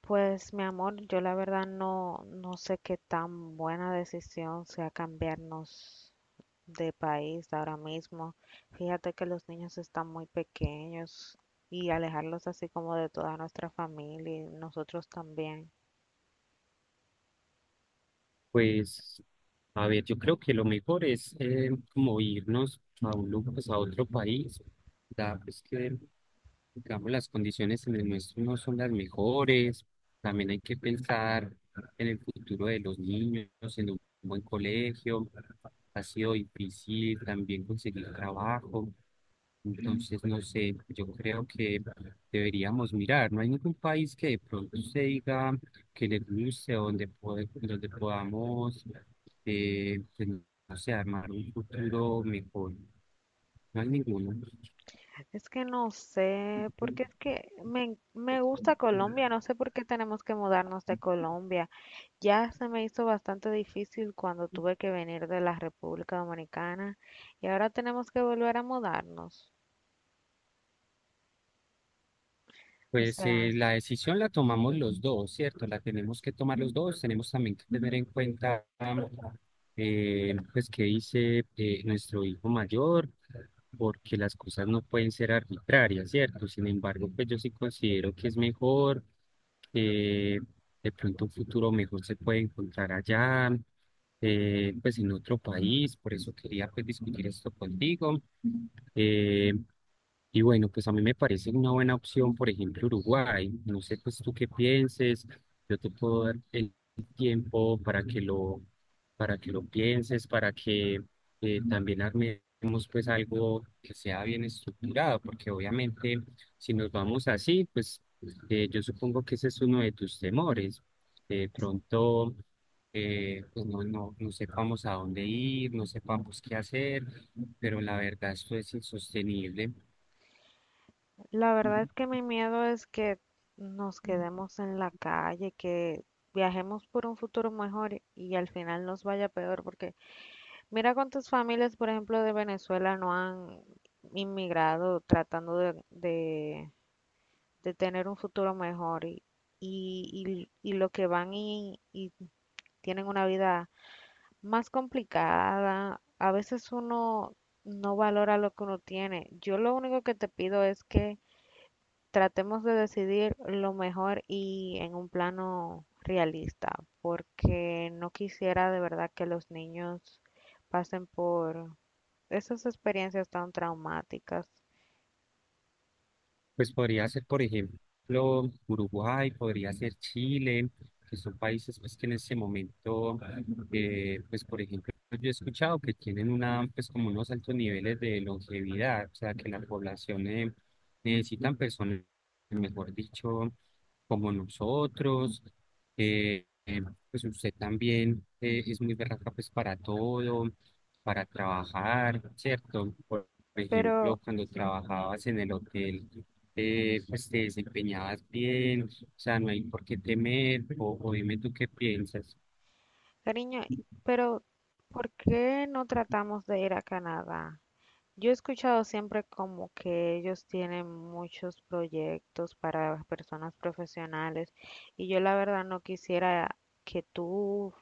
Pues, mi amor, yo la verdad no sé qué tan buena decisión sea cambiarnos de país ahora mismo. Fíjate que los niños están muy pequeños y alejarlos así como de toda nuestra familia y nosotros también. Pues, a ver, yo creo que lo mejor es como irnos a un lugar, pues a otro país, da pues que, digamos, las condiciones en el nuestro no son las mejores, también hay que pensar en el futuro de los niños, en un buen colegio, ha sido difícil también conseguir trabajo, entonces, no sé, yo creo que deberíamos mirar. No hay ningún país que de pronto se diga que le guste, donde, donde podamos, pues, no sé, armar un futuro mejor. No hay ninguno. Es que no sé, porque es que me gusta Colombia, no sé por qué tenemos que mudarnos de Colombia. Ya se me hizo bastante difícil cuando tuve que venir de la República Dominicana y ahora tenemos que volver a mudarnos. O Pues sea, la decisión la tomamos los dos, ¿cierto? La tenemos que tomar los dos. Tenemos también que tener en cuenta, pues, qué dice nuestro hijo mayor porque las cosas no pueden ser arbitrarias, ¿cierto? Sin embargo, pues yo sí considero que es mejor, que de pronto un futuro mejor se puede encontrar allá, pues en otro país, por eso quería pues discutir esto contigo. Eh, y bueno, pues a mí me parece una buena opción, por ejemplo, Uruguay. No sé, pues tú qué pienses. Yo te puedo dar el tiempo para que lo pienses, para que también armemos pues algo que sea bien estructurado, porque obviamente si nos vamos así, pues yo supongo que ese es uno de tus temores. De pronto, pues no sepamos a dónde ir, no sepamos qué hacer, pero la verdad esto es insostenible. la verdad es que mi miedo es que nos quedemos en la calle, que viajemos por un futuro mejor y al final nos vaya peor, porque mira cuántas familias, por ejemplo, de Venezuela no han inmigrado tratando de tener un futuro mejor y lo que van y tienen una vida más complicada. A veces uno no valora lo que uno tiene. Yo lo único que te pido es que tratemos de decidir lo mejor y en un plano realista, porque no quisiera de verdad que los niños pasen por esas experiencias tan traumáticas. Pues podría ser, por ejemplo, Uruguay, podría ser Chile, que son países pues, que en ese momento, pues por ejemplo, yo he escuchado que tienen una, pues como unos altos niveles de longevidad, o sea, que la población necesitan personas, mejor dicho, como nosotros. eh, eh, pues usted también es muy berraca pues para todo, para trabajar, ¿cierto? Por ejemplo, Pero, cuando trabajabas en el hotel pues te desempeñabas bien, o sea, no hay por qué temer, o dime tú qué piensas. cariño, pero ¿por qué no tratamos de ir a Canadá? Yo he escuchado siempre como que ellos tienen muchos proyectos para personas profesionales y yo la verdad no quisiera que tú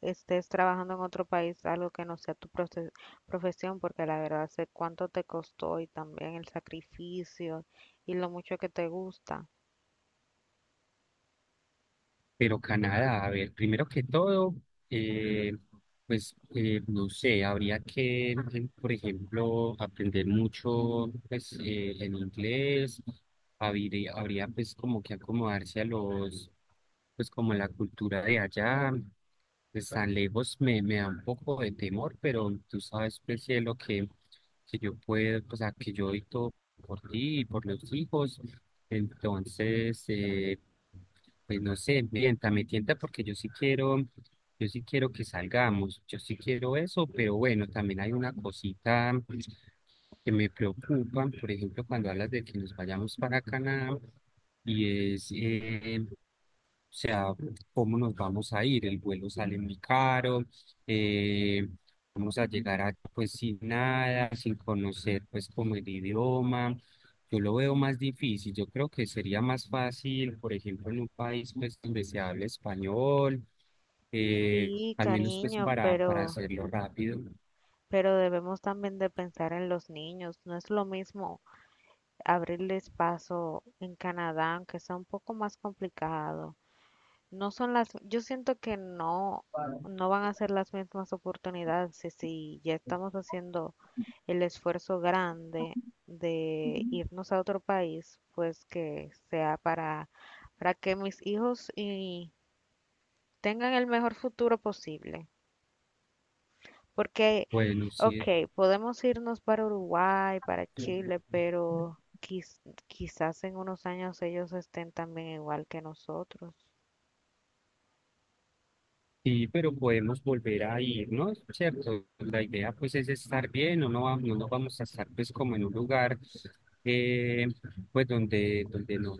estés trabajando en otro país, algo que no sea tu profesión, porque la verdad sé cuánto te costó y también el sacrificio y lo mucho que te gusta. Pero Canadá, a ver, primero que todo, eh, pues no sé, por ejemplo, aprender mucho pues, en inglés, habría pues como que acomodarse a los, pues como la cultura de allá. Pues tan lejos me da un poco de temor, pero tú sabes, pues, cielo, que yo puedo, o sea, que yo doy todo por ti y por los hijos. Entonces, pues no sé, me tienta porque yo sí quiero que salgamos, yo sí quiero eso, pero bueno, también hay una cosita que me preocupa, por ejemplo, cuando hablas de que nos vayamos para Canadá, y es o sea, ¿cómo nos vamos a ir? El vuelo sale muy caro, eh, vamos a pues sin nada, sin conocer pues como el idioma. Yo lo veo más difícil, yo creo que sería más fácil, por ejemplo, en un país pues donde se hable español, eh, Sí, al menos pues cariño, para pero, hacerlo rápido. pero debemos también de pensar en los niños. No es lo mismo abrirles paso en Canadá, aunque sea un poco más complicado. No son las, yo siento que no, no van a ser las mismas oportunidades si ya estamos haciendo el esfuerzo grande de irnos a otro país, pues que sea para que mis hijos y tengan el mejor futuro posible. Porque, Bueno, sí, ok, podemos irnos para Uruguay, para Chile, pero quizás en unos años ellos estén también igual que nosotros. sí, pero podemos volver a ir, ¿no? ¿Cierto? La idea pues es estar bien, no nos vamos a estar pues como en un lugar eh, pues donde no,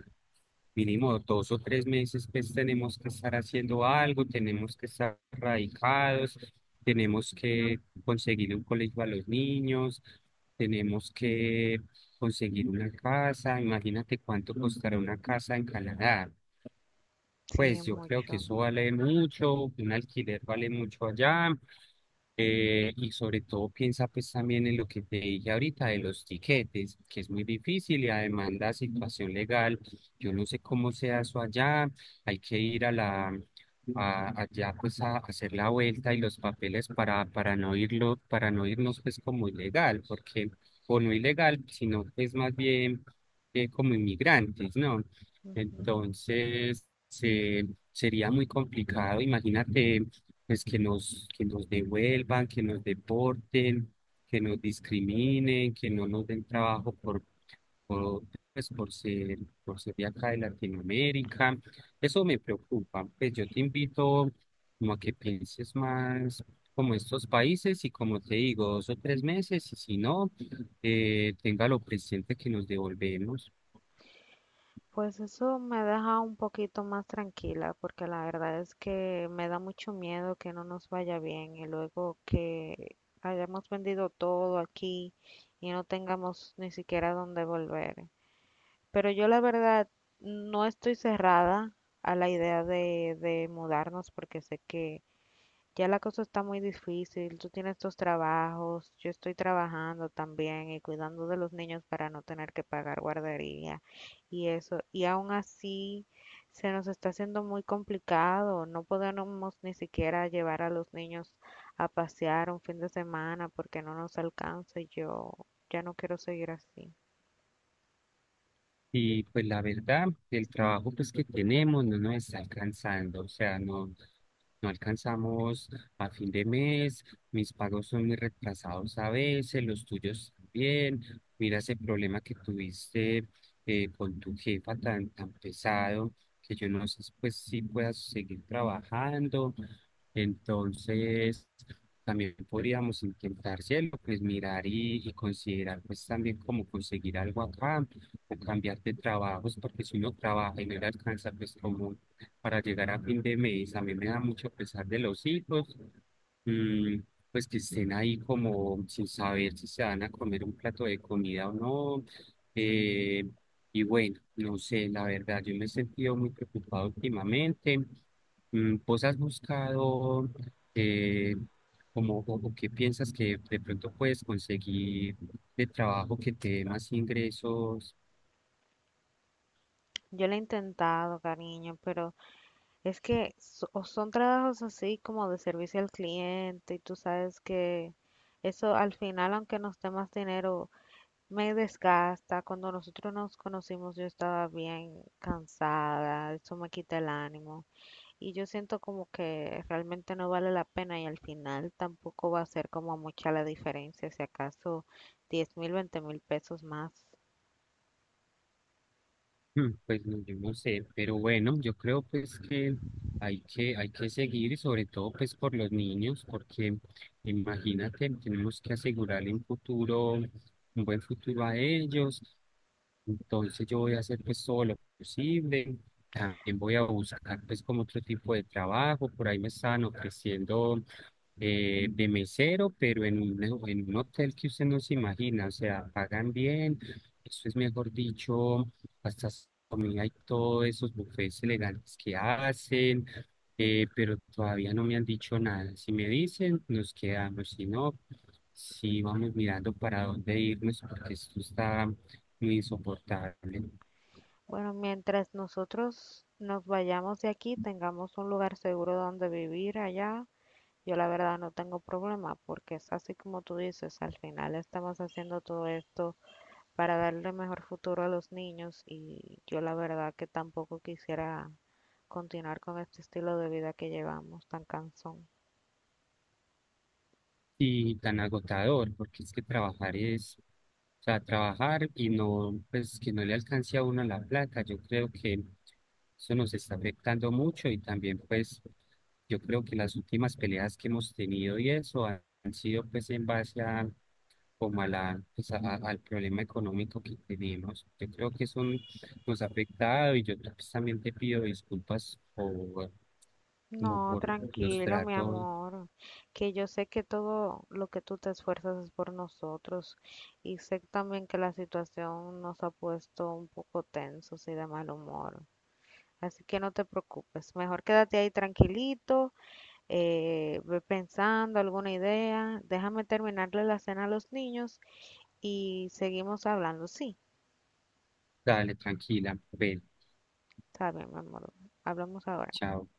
mínimo dos o tres meses, pues tenemos que estar haciendo algo, tenemos que estar radicados, tenemos que conseguir un colegio a los niños, tenemos que conseguir una casa, imagínate cuánto costará una casa en Canadá. Sí, Pues yo creo que mucho. eso vale mucho, un alquiler vale mucho allá, y sobre todo piensa pues también en lo que te dije ahorita de los tiquetes, que es muy difícil y además la situación legal, yo no sé cómo sea eso allá, hay que ir a la allá pues a hacer la vuelta y los papeles para para no irnos pues como ilegal, porque o no ilegal, sino es más bien como inmigrantes, ¿no? Ujú. Entonces, sería muy complicado, imagínate pues que nos devuelvan, que nos deporten, que nos discriminen, que no nos den trabajo por, pues, por ser de acá de Latinoamérica. Eso me preocupa. Pues yo te invito como a que pienses más como estos países y como te digo, dos o tres meses y si no, téngalo presente que nos devolvemos. Pues eso me deja un poquito más tranquila, porque la verdad es que me da mucho miedo que no nos vaya bien y luego que hayamos vendido todo aquí y no tengamos ni siquiera dónde volver. Pero yo la verdad no estoy cerrada a la idea de mudarnos porque sé que ya la cosa está muy difícil. Tú tienes tus trabajos, yo estoy trabajando también y cuidando de los niños para no tener que pagar guardería y eso. Y aún así se nos está haciendo muy complicado. No podemos ni siquiera llevar a los niños a pasear un fin de semana porque no nos alcanza. Y yo ya no quiero seguir así. Y pues la verdad, el trabajo pues que tenemos no nos está alcanzando, o sea, no, no alcanzamos a fin de mes, mis pagos son muy retrasados a veces, los tuyos también. Mira ese problema que tuviste con tu jefa tan pesado, que yo no sé pues si puedas seguir trabajando entonces, también podríamos intentar, cielo, pues mirar y considerar, pues también cómo conseguir algo acá o cambiar de trabajos, porque si uno trabaja y no le alcanza, pues como para llegar a fin de mes, a mí me da mucho pesar de los hijos. Mm, pues que estén ahí como sin saber si se van a comer un plato de comida o no. Eh, y bueno, no sé, la verdad, yo me he sentido muy preocupado últimamente. Mm, ¿vos has buscado eh, como o qué piensas que de pronto puedes conseguir de trabajo que te dé más ingresos? Yo lo he intentado, cariño, pero es que o son trabajos así como de servicio al cliente y tú sabes que eso al final, aunque nos dé más dinero, me desgasta. Cuando nosotros nos conocimos yo estaba bien cansada, eso me quita el ánimo y yo siento como que realmente no vale la pena y al final tampoco va a ser como mucha la diferencia, si acaso 10.000, 20.000 pesos más. Mm, pues no, yo no sé, pero bueno, yo creo pues que hay que seguir, y sobre todo pues por los niños, porque imagínate, tenemos que asegurarle un futuro, un buen futuro a ellos. Entonces yo voy a hacer pues todo lo posible. También voy a buscar pues como otro tipo de trabajo. Por ahí me estaban ofreciendo de mesero, pero en un hotel que usted no se imagina. O sea, pagan bien. Eso es mejor dicho, hasta su comida y todos esos buffets legales que hacen, pero todavía no me han dicho nada. Si me dicen, nos quedamos, si no, sí vamos mirando para dónde irnos, porque esto está muy insoportable. Bueno, mientras nosotros nos vayamos de aquí, tengamos un lugar seguro donde vivir allá, yo la verdad no tengo problema porque es así como tú dices, al final estamos haciendo todo esto para darle mejor futuro a los niños y yo la verdad que tampoco quisiera continuar con este estilo de vida que llevamos tan cansón. Y tan agotador, porque es que trabajar es, o sea, trabajar y no, pues que no le alcance a uno la plata, yo creo que eso nos está afectando mucho y también pues yo creo que las últimas peleas que hemos tenido y eso han sido pues en base a como a la, pues, al problema económico que tenemos. Yo creo que eso nos ha afectado y yo pues, también te pido disculpas por, como No, por los tranquilo, mi tratos. amor, que yo sé que todo lo que tú te esfuerzas es por nosotros y sé también que la situación nos ha puesto un poco tensos y de mal humor. Así que no te preocupes, mejor quédate ahí tranquilito, ve pensando alguna idea, déjame terminarle la cena a los niños y seguimos hablando. Sí, Dale, tranquila, ven, está bien, mi amor, hablamos ahora. chao.